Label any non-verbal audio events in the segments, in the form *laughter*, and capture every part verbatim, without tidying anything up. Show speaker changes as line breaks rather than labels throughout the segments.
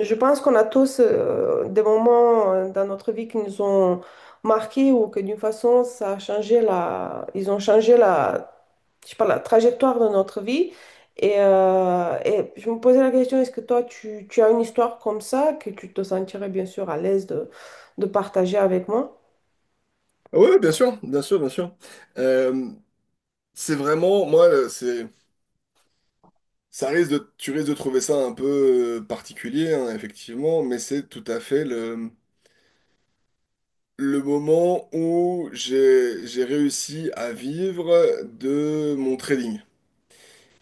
Je pense qu'on a tous euh, des moments euh, dans notre vie qui nous ont marqués ou que d'une façon, ça a changé la... ils ont changé la, je sais pas, la trajectoire de notre vie. Et, euh, et je me posais la question, est-ce que toi, tu, tu as une histoire comme ça que tu te sentirais bien sûr à l'aise de, de partager avec moi?
Oui, oui, bien sûr, bien sûr, bien sûr. Euh, c'est vraiment, moi, euh, c'est, ça risque de, tu risques de trouver ça un peu euh, particulier, hein, effectivement, mais c'est tout à fait le, le moment où j'ai, j'ai réussi à vivre de mon trading,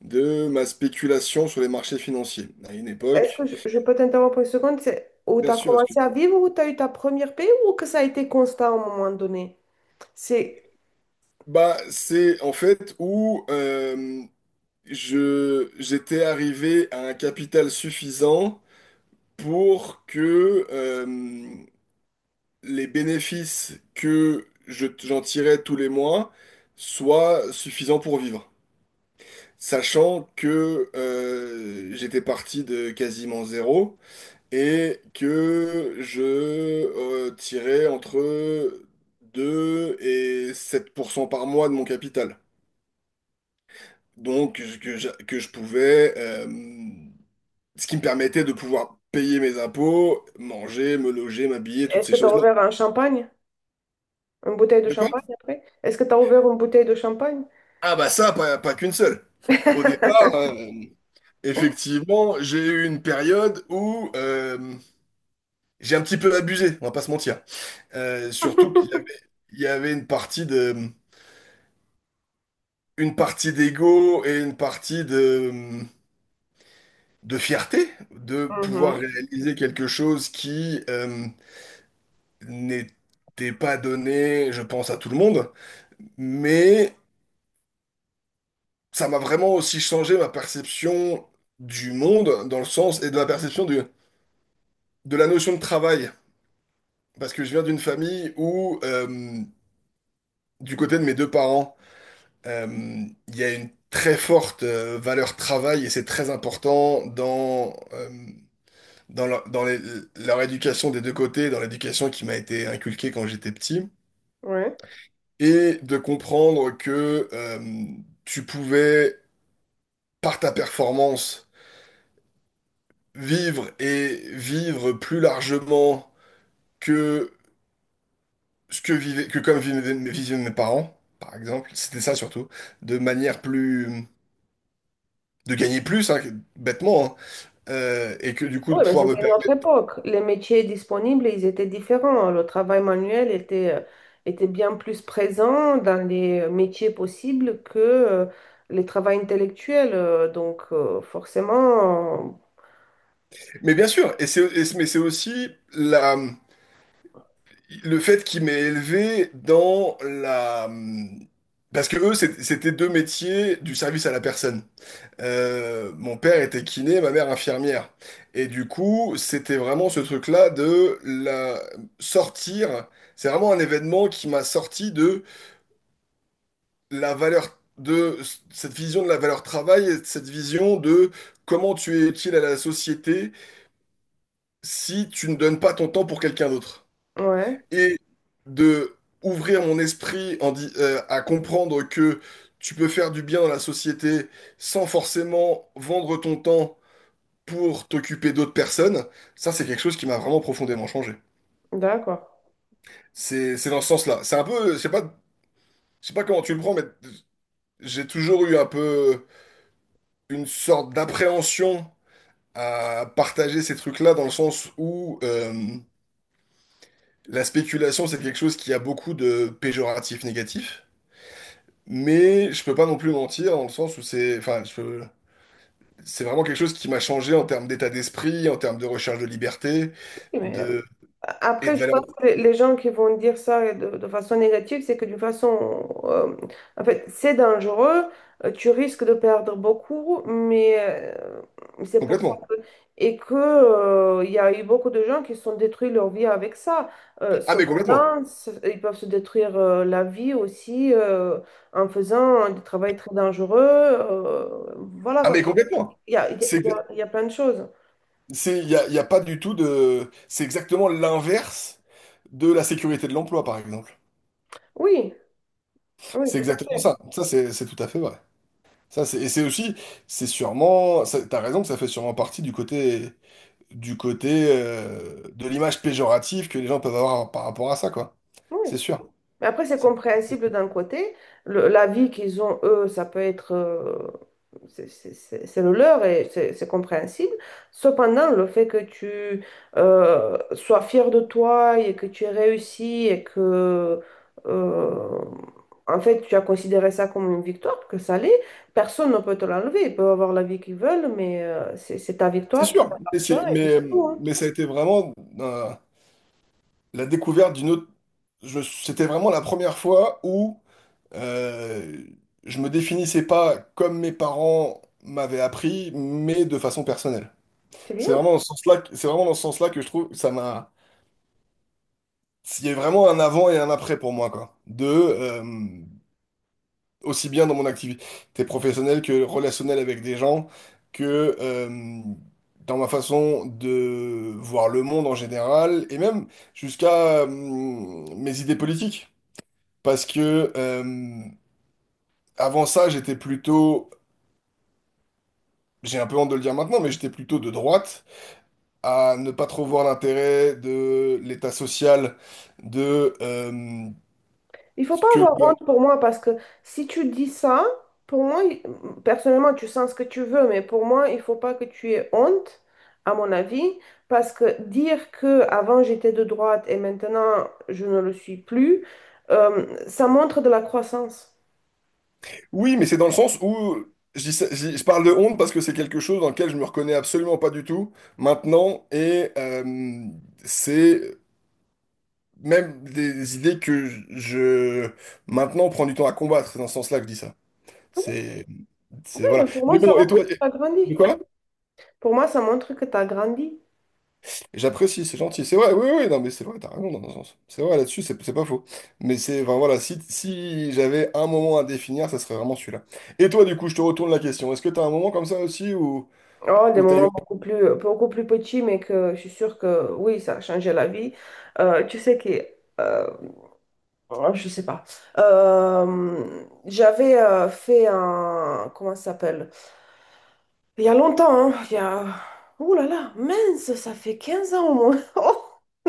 de ma spéculation sur les marchés financiers. À une
Est-ce
époque,
que je, je peux t'interrompre une seconde? C'est où tu
bien
as
sûr. Excuse.
commencé à vivre, où tu as eu ta première paix ou que ça a été constant à un moment donné? C'est,
Bah, c'est en fait où euh, je, j'étais arrivé à un capital suffisant pour que euh, les bénéfices que je- j'en tirais tous les mois soient suffisants pour vivre. Sachant que euh, j'étais parti de quasiment zéro et que je euh, tirais entre deux et sept pour cent par mois de mon capital. Donc je- que je, que je pouvais, euh, ce qui me permettait de pouvoir payer mes impôts, manger, me loger, m'habiller, toutes
Est-ce
ces
que tu as
choses-là.
ouvert un champagne? Une bouteille de
De quoi?
champagne après? Est-ce que tu as ouvert une bouteille de champagne?
Ah bah ça, pas, pas, qu'une seule. Au départ,
*laughs*
euh, effectivement, j'ai eu une période où euh, j'ai un petit peu abusé, on va pas se mentir. Euh, surtout qu'il y avait, il y avait, une partie de, une partie d'ego et une partie de, de fierté de pouvoir
Mhm,
réaliser quelque chose qui euh, n'était pas donné, je pense, à tout le monde. Mais ça m'a vraiment aussi changé ma perception du monde dans le sens et de la perception du, de la notion de travail, parce que je viens d'une famille où, euh, du côté de mes deux parents, euh, il y a une très forte euh, valeur travail et c'est très important dans, euh, dans, leur, dans les- leur éducation des deux côtés, dans l'éducation qui m'a été inculquée quand j'étais petit,
ouais.
et de comprendre que euh, tu pouvais, par ta performance, vivre et vivre plus largement que ce que vivaient, que comme vivaient mes vivaient mes parents, par exemple, c'était ça surtout, de manière plus, de gagner plus, hein, que- bêtement, hein, euh, et que du coup de
Oui, mais
pouvoir me
c'était une autre
permettre.
époque. Les métiers disponibles, ils étaient différents, hein. Le travail manuel était, euh, était bien plus présent dans les métiers possibles que euh, les travaux intellectuels. Euh, Donc, euh, forcément,
Mais bien sûr, et c'est, et c'est- mais c'est aussi la, le fait qu'il m'ait élevé dans la, parce que eux, c'est- c'était deux métiers du service à la personne. Euh, mon père était kiné, ma mère infirmière. Et du coup, c'était vraiment ce truc-là de la sortir. C'est vraiment un événement qui m'a sorti de la valeur de cette vision de la valeur travail, et cette vision de comment tu es utile à la société si tu ne donnes pas ton temps pour quelqu'un d'autre.
euh, ouais,
Et de ouvrir mon esprit en di- euh, à comprendre que tu peux faire du bien dans la société sans forcément vendre ton temps pour t'occuper d'autres personnes, ça c'est quelque chose qui m'a vraiment profondément changé.
d'accord.
C'est c'est dans ce sens-là. C'est un peu, je sais pas, je sais pas comment tu le prends, mais j'ai toujours eu un peu une sorte d'appréhension à partager ces trucs-là dans le sens où euh, la spéculation, c'est quelque chose qui a beaucoup de péjoratifs négatifs, mais je peux pas non plus mentir dans le sens où c'est, enfin, je- c'est vraiment quelque chose qui m'a changé en termes d'état d'esprit, en termes de recherche de liberté,
Oui, mais euh,
de et
après,
de
je
valeur.
pense que les gens qui vont dire ça de, de façon négative, c'est que d'une façon, euh, en fait, c'est dangereux, euh, tu risques de perdre beaucoup, mais euh, c'est pour ça
Complètement.
que, et que, euh, il y a eu beaucoup de gens qui se sont détruits leur vie avec ça. Euh,
Ah mais complètement.
cependant, c- ils peuvent se détruire euh, la vie aussi euh, en faisant du travail très dangereux. Euh, voilà,
Ah
quoi.
mais complètement.
Il y a, il y a, il
C'est,
y a il y a plein de choses.
c'est, il y a, y a pas du tout de, c'est exactement l'inverse de la sécurité de l'emploi par exemple.
Oui, oui,
C'est
tout à
exactement
fait.
ça. Ça c'est, c'est tout à fait vrai. Ça, c'est, et c'est aussi, c'est sûrement, ça- t'as raison que ça fait sûrement partie du côté, du côté euh, de l'image péjorative que les gens peuvent avoir par rapport à ça, quoi.
Oui.
C'est sûr.
Mais après, c'est
C'est
compréhensible d'un côté. Le- la vie qu'ils ont, eux, ça peut être... euh, c'est c'est- c'est- c'est le leur et c'est c'est compréhensible. Cependant, le fait que tu euh, sois fier de toi et que tu aies réussi et que... euh, en fait, tu as considéré ça comme une victoire, que ça l'est, personne ne peut te l'enlever. Ils peuvent avoir la vie qu'ils veulent, mais euh, c'est c'est ta
c'est
victoire qui
sûr. Mais,
t'appartient
c'est-
et puis
mais,
c'est tout, hein.
mais ça a été vraiment euh, la découverte d'une autre. je- C'était vraiment la première fois où euh, je me définissais pas comme mes parents m'avaient appris, mais de façon personnelle.
C'est bien.
C'est vraiment dans ce sens-là, que- c'est vraiment dans ce sens-là que je trouve que ça m'a. Il y a vraiment un avant et un après pour moi, quoi. De, euh, aussi bien dans mon activité professionnelle que relationnelle avec des gens, que euh, dans ma façon de voir le monde en général, et même jusqu'à euh, mes idées politiques. Parce que euh, avant ça, j'étais plutôt, j'ai un peu honte de le dire maintenant, mais j'étais plutôt de droite, à ne pas trop voir l'intérêt de l'état social, de... euh,
Il faut
ce
pas
que
avoir
le.
honte pour moi parce que si tu dis ça, pour moi, il- personnellement, tu sens ce que tu veux, mais pour moi, il faut pas que tu aies honte, à mon avis, parce que dire que avant j'étais de droite et maintenant je ne le suis plus, euh, ça montre de la croissance.
Oui, mais c'est dans le sens où je, dis ça- je- je parle de honte parce que c'est quelque chose dans lequel je me reconnais absolument pas du tout maintenant et euh, c'est même des idées que je, je- maintenant prends du temps à combattre. C'est dans ce sens-là que je dis ça. C'est c'est
Oui,
voilà.
mais pour moi,
Mais
ça
bon, et toi,
montre
et-
que tu as
de
grandi.
quoi?
Pour moi, ça montre que tu as grandi.
J'apprécie, c'est gentil. C'est vrai, oui, oui, non, mais c'est vrai, t'as raison dans un sens. C'est vrai là-dessus, c'est c'est pas faux. Mais c'est, enfin voilà, si, si j'avais un moment à définir, ça serait vraiment celui-là. Et toi, du coup, je te retourne la question. Est-ce que t'as un moment comme ça aussi où,
Oh, des
où t'as
moments
eu.
beaucoup plus, beaucoup plus petits, mais que je suis sûre que oui, ça a changé la vie. Euh, tu sais que euh, oh, je sais pas. Euh, j'avais euh, fait un... Comment ça s'appelle? Il y a longtemps, hein, il y a... Ouh là là, mince, ça fait quinze ans au moins. *laughs*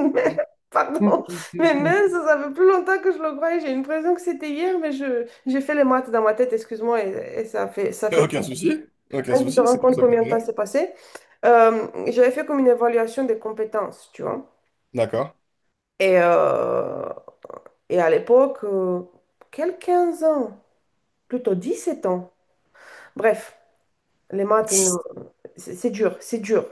Oh, mais- pardon. Mais
Hmm.
mince, ça fait plus longtemps que je le croyais. J'ai l'impression que c'était hier, mais je... j'ai fait les maths dans ma tête, excuse-moi, et, et ça fait... ça fait...
Aucun
peur.
souci, aucun
Quand tu te
souci,
rends
c'est pour
compte
ça que je
combien de temps
l'ai.
s'est passé, euh, j'avais fait comme une évaluation des compétences, tu vois.
D'accord.
Et, euh, et à l'époque, euh, quel quinze ans? Plutôt dix sept ans. Bref, les maths, non,
*laughs*
c'est c'est dur, c'est dur.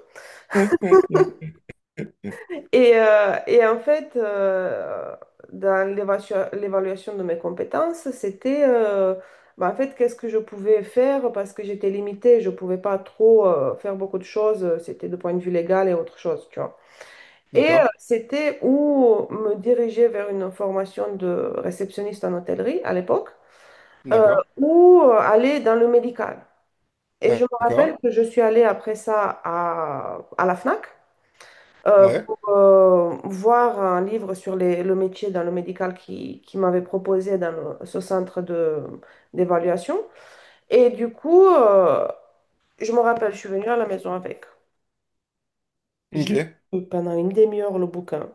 Et, euh, et en fait, euh, dans l'évasio- l'évaluation de mes compétences, c'était, euh, bah, en fait, qu'est-ce que je pouvais faire parce que j'étais limitée, je ne pouvais pas trop euh, faire beaucoup de choses, c'était de point de vue légal et autre chose, tu vois. Et euh,
D'accord,
c'était où me diriger vers une formation de réceptionniste en hôtellerie à l'époque, euh,
d'accord,
ou euh, aller dans le médical. Et je me rappelle
d'accord,
que je suis allée après ça à, à la FNAC euh,
ouais,
pour euh, voir un livre sur les- le métier dans le médical qui, qui m'avait proposé dans le- ce centre de, d'évaluation. Et du coup, euh, je me rappelle, je suis venue à la maison avec. Je
ok.
lu pendant une demi-heure le bouquin.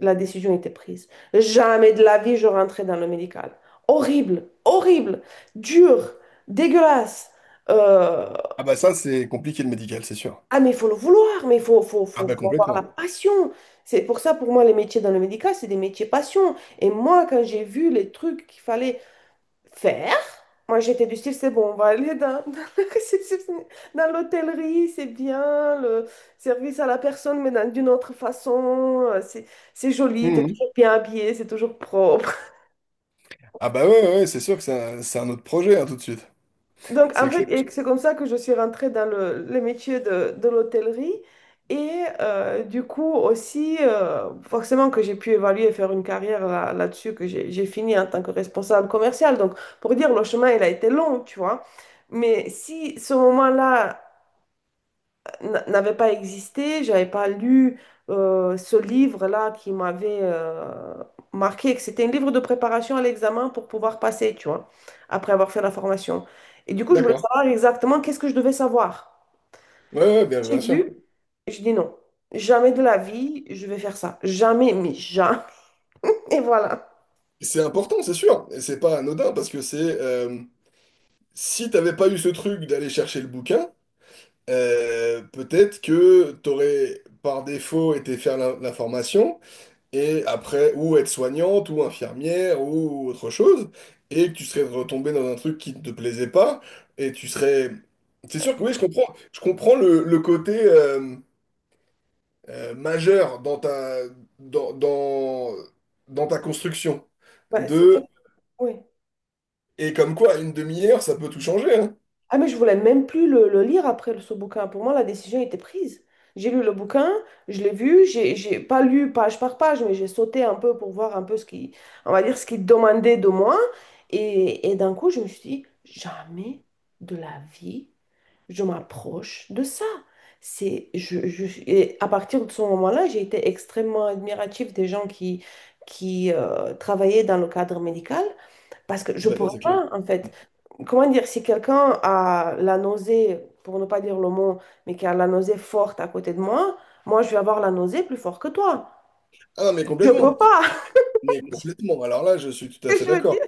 La décision était prise. Jamais de la vie je rentrais dans le médical. Horrible, horrible, dur, dégueulasse. Euh,
Ah bah ça, c'est compliqué le médical, c'est sûr.
Ah, mais il faut le vouloir, mais il faut, faut,
Ah
faut,
bah
faut avoir la
complètement.
passion. C'est pour ça, pour moi, les métiers dans le médical, c'est des métiers passion. Et moi, quand j'ai vu les trucs qu'il fallait faire, moi, j'étais du style, c'est bon, on va aller dans, *laughs* dans la réception- dans l'hôtellerie, c'est bien, le service à la personne, mais dans- d'une autre façon, euh, c'est c'est joli, t'es
Mhm.
toujours bien habillé, c'est toujours propre.
Ah bah ouais, ouais, ouais, c'est sûr que c'est un, c'est un autre projet, hein, tout de suite.
Donc, en
C'est
fait,
clair.
et c'est comme ça que je suis rentrée dans le, le métier de, de l'hôtellerie. Et euh, du coup, aussi, euh, forcément que j'ai pu évaluer et faire une carrière là, là-dessus, que j'ai j'ai fini en tant que responsable commercial. Donc, pour dire, le chemin, il a été long, tu vois. Mais si ce moment-là n- n'avait pas existé, j'avais pas lu euh, ce livre-là qui m'avait euh, marqué, que c'était un livre de préparation à l'examen pour pouvoir passer, tu vois, après avoir fait la formation. Et du coup, je voulais
D'accord.
savoir exactement qu'est-ce que je devais savoir.
Ouais, ouais, bien,
J'ai
bien sûr.
vu, et je dis non, jamais de la vie, je vais faire ça. Jamais, mais jamais. *laughs* Et voilà.
C'est important, c'est sûr. Et c'est pas anodin, parce que c'est... euh, si t'avais pas eu ce truc d'aller chercher le bouquin, euh, peut-être que t'aurais, par défaut, été faire la, la formation et après, ou être soignante, ou infirmière, ou autre chose, et que tu serais retombé dans un truc qui ne te plaisait pas, et tu serais. C'est sûr que oui, je comprends, je comprends le, le côté euh, euh, majeur dans ta, dans, dans, dans ta construction.
Ouais, c'était...
De.
oui.
Et comme quoi, une demi-heure, ça peut tout changer, hein.
Ah, mais je voulais même plus le, le lire après le- ce bouquin. Pour moi, la décision était prise. J'ai lu le bouquin, je l'ai vu, j'ai j'ai pas lu page par page, mais j'ai sauté un peu pour voir un peu ce qui, on va dire, ce qu'il demandait de moi. Et, et d'un coup, je me suis dit, jamais de la vie, je m'approche de ça. C'est, je, je- et à partir de ce moment-là, j'ai été extrêmement admirative des gens qui, qui euh, travaillaient dans le cadre médical parce que
Ah
je
bah ça,
pourrais
c'est clair.
pas, en fait, comment dire, si quelqu'un a la nausée, pour ne pas dire le mot, mais qui a la nausée forte à côté de moi, moi, je vais avoir la nausée plus forte que toi.
Ah non, mais
Je peux
complètement.
pas. *laughs*
Mais complètement. Alors là, je suis tout à fait
Je veux dire,
d'accord.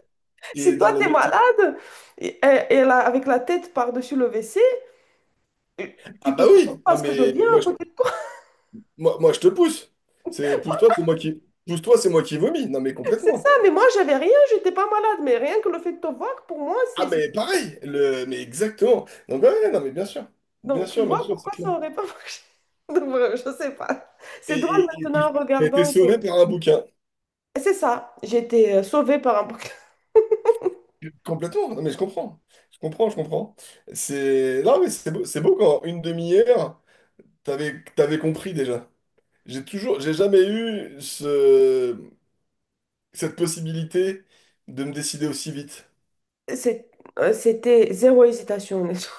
si
Et
toi,
dans les
t'es
métiers.
malade et, et là, avec la tête par-dessus le W C,
Ah
tu te
bah
poses
oui! Non,
parce que je
mais
viens
moi.
à côté.
Moi, moi, je te pousse. C'est pousse-toi, c'est moi qui pousse-toi, c'est moi qui vomis. Non, mais
C'est ça,
complètement.
mais moi, j'avais rien, j'étais pas malade. Mais rien que le fait de te voir, pour moi, c'est...
Ah,
c'est-
mais pareil. Le, mais exactement. Donc ouais, ouais, non, mais bien sûr, bien
donc, tu
sûr, bien
vois
sûr, c'est
pourquoi ça
clair.
aurait pas marché. *laughs* Donc, voilà, je sais pas.
Et
C'est drôle
et et
maintenant
tu
en
t'as été
regardant que...
sauvé par un bouquin.
C'est ça, j'étais euh, sauvée par un... *laughs*
Complètement. Non, mais je comprends. Je comprends, je comprends. C'est non, mais c'est beau, c'est beau quand une demi-heure, t'avais t'avais compris déjà. J'ai toujours, j'ai jamais eu ce cette possibilité de me décider aussi vite.
C'est- euh, C'était zéro hésitation, honnêtement.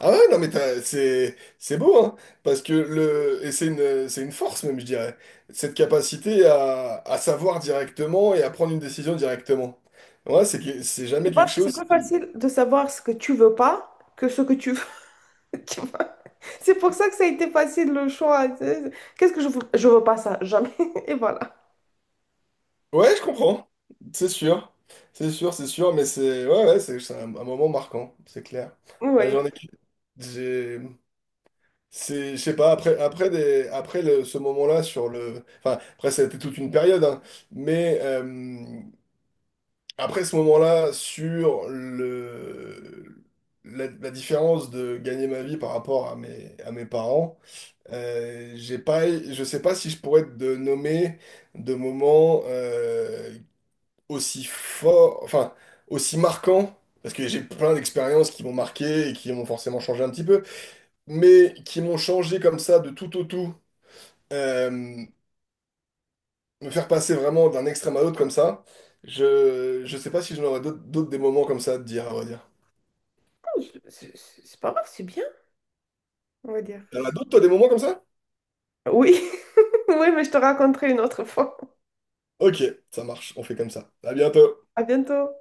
Ah ouais, non mais t'as- c'est c'est beau hein, parce que le et c'est une c'est une force même je dirais, cette capacité à, à savoir directement et à prendre une décision directement. Ouais, c'est que- c'est
*laughs* Je
jamais quelque
pense que c'est
chose
plus
qui.
facile de savoir ce que tu veux pas que ce que tu veux. *laughs* Tu vois. C'est pour ça que ça a été facile le choix. C'est- qu'est-ce que je veux? Je veux pas ça, jamais. *laughs* Et voilà.
Ouais, je comprends. C'est sûr. C'est sûr, c'est sûr mais c'est ouais ouais, c'est c'est un, un moment marquant, c'est clair. Ouais,
Oui.
j'en ai j'ai c'est je sais pas après après des après le- ce moment-là sur le enfin après ça a été toute une période hein, mais euh, après ce moment-là, sur le, la, la différence de gagner ma vie par rapport à mes, à mes parents, euh, j'ai pas, je sais pas si je pourrais te nommer de moments euh, aussi forts, enfin, aussi marquants, parce que j'ai plein d'expériences qui m'ont marqué et qui m'ont forcément changé un petit peu, mais qui m'ont changé comme ça de tout au tout, euh, me faire passer vraiment d'un extrême à l'autre comme ça. Je, je sais pas si j'en aurais d'autres d'autres des moments comme ça à te dire, à vrai dire.
Je- C'est c'est- c'est pas grave, c'est bien, on va dire.
Y'en a d'autres, toi, des moments comme ça?
Oui. *laughs* Oui, mais je te raconterai une autre fois.
Ok, ça marche, on fait comme ça. À bientôt.
À bientôt.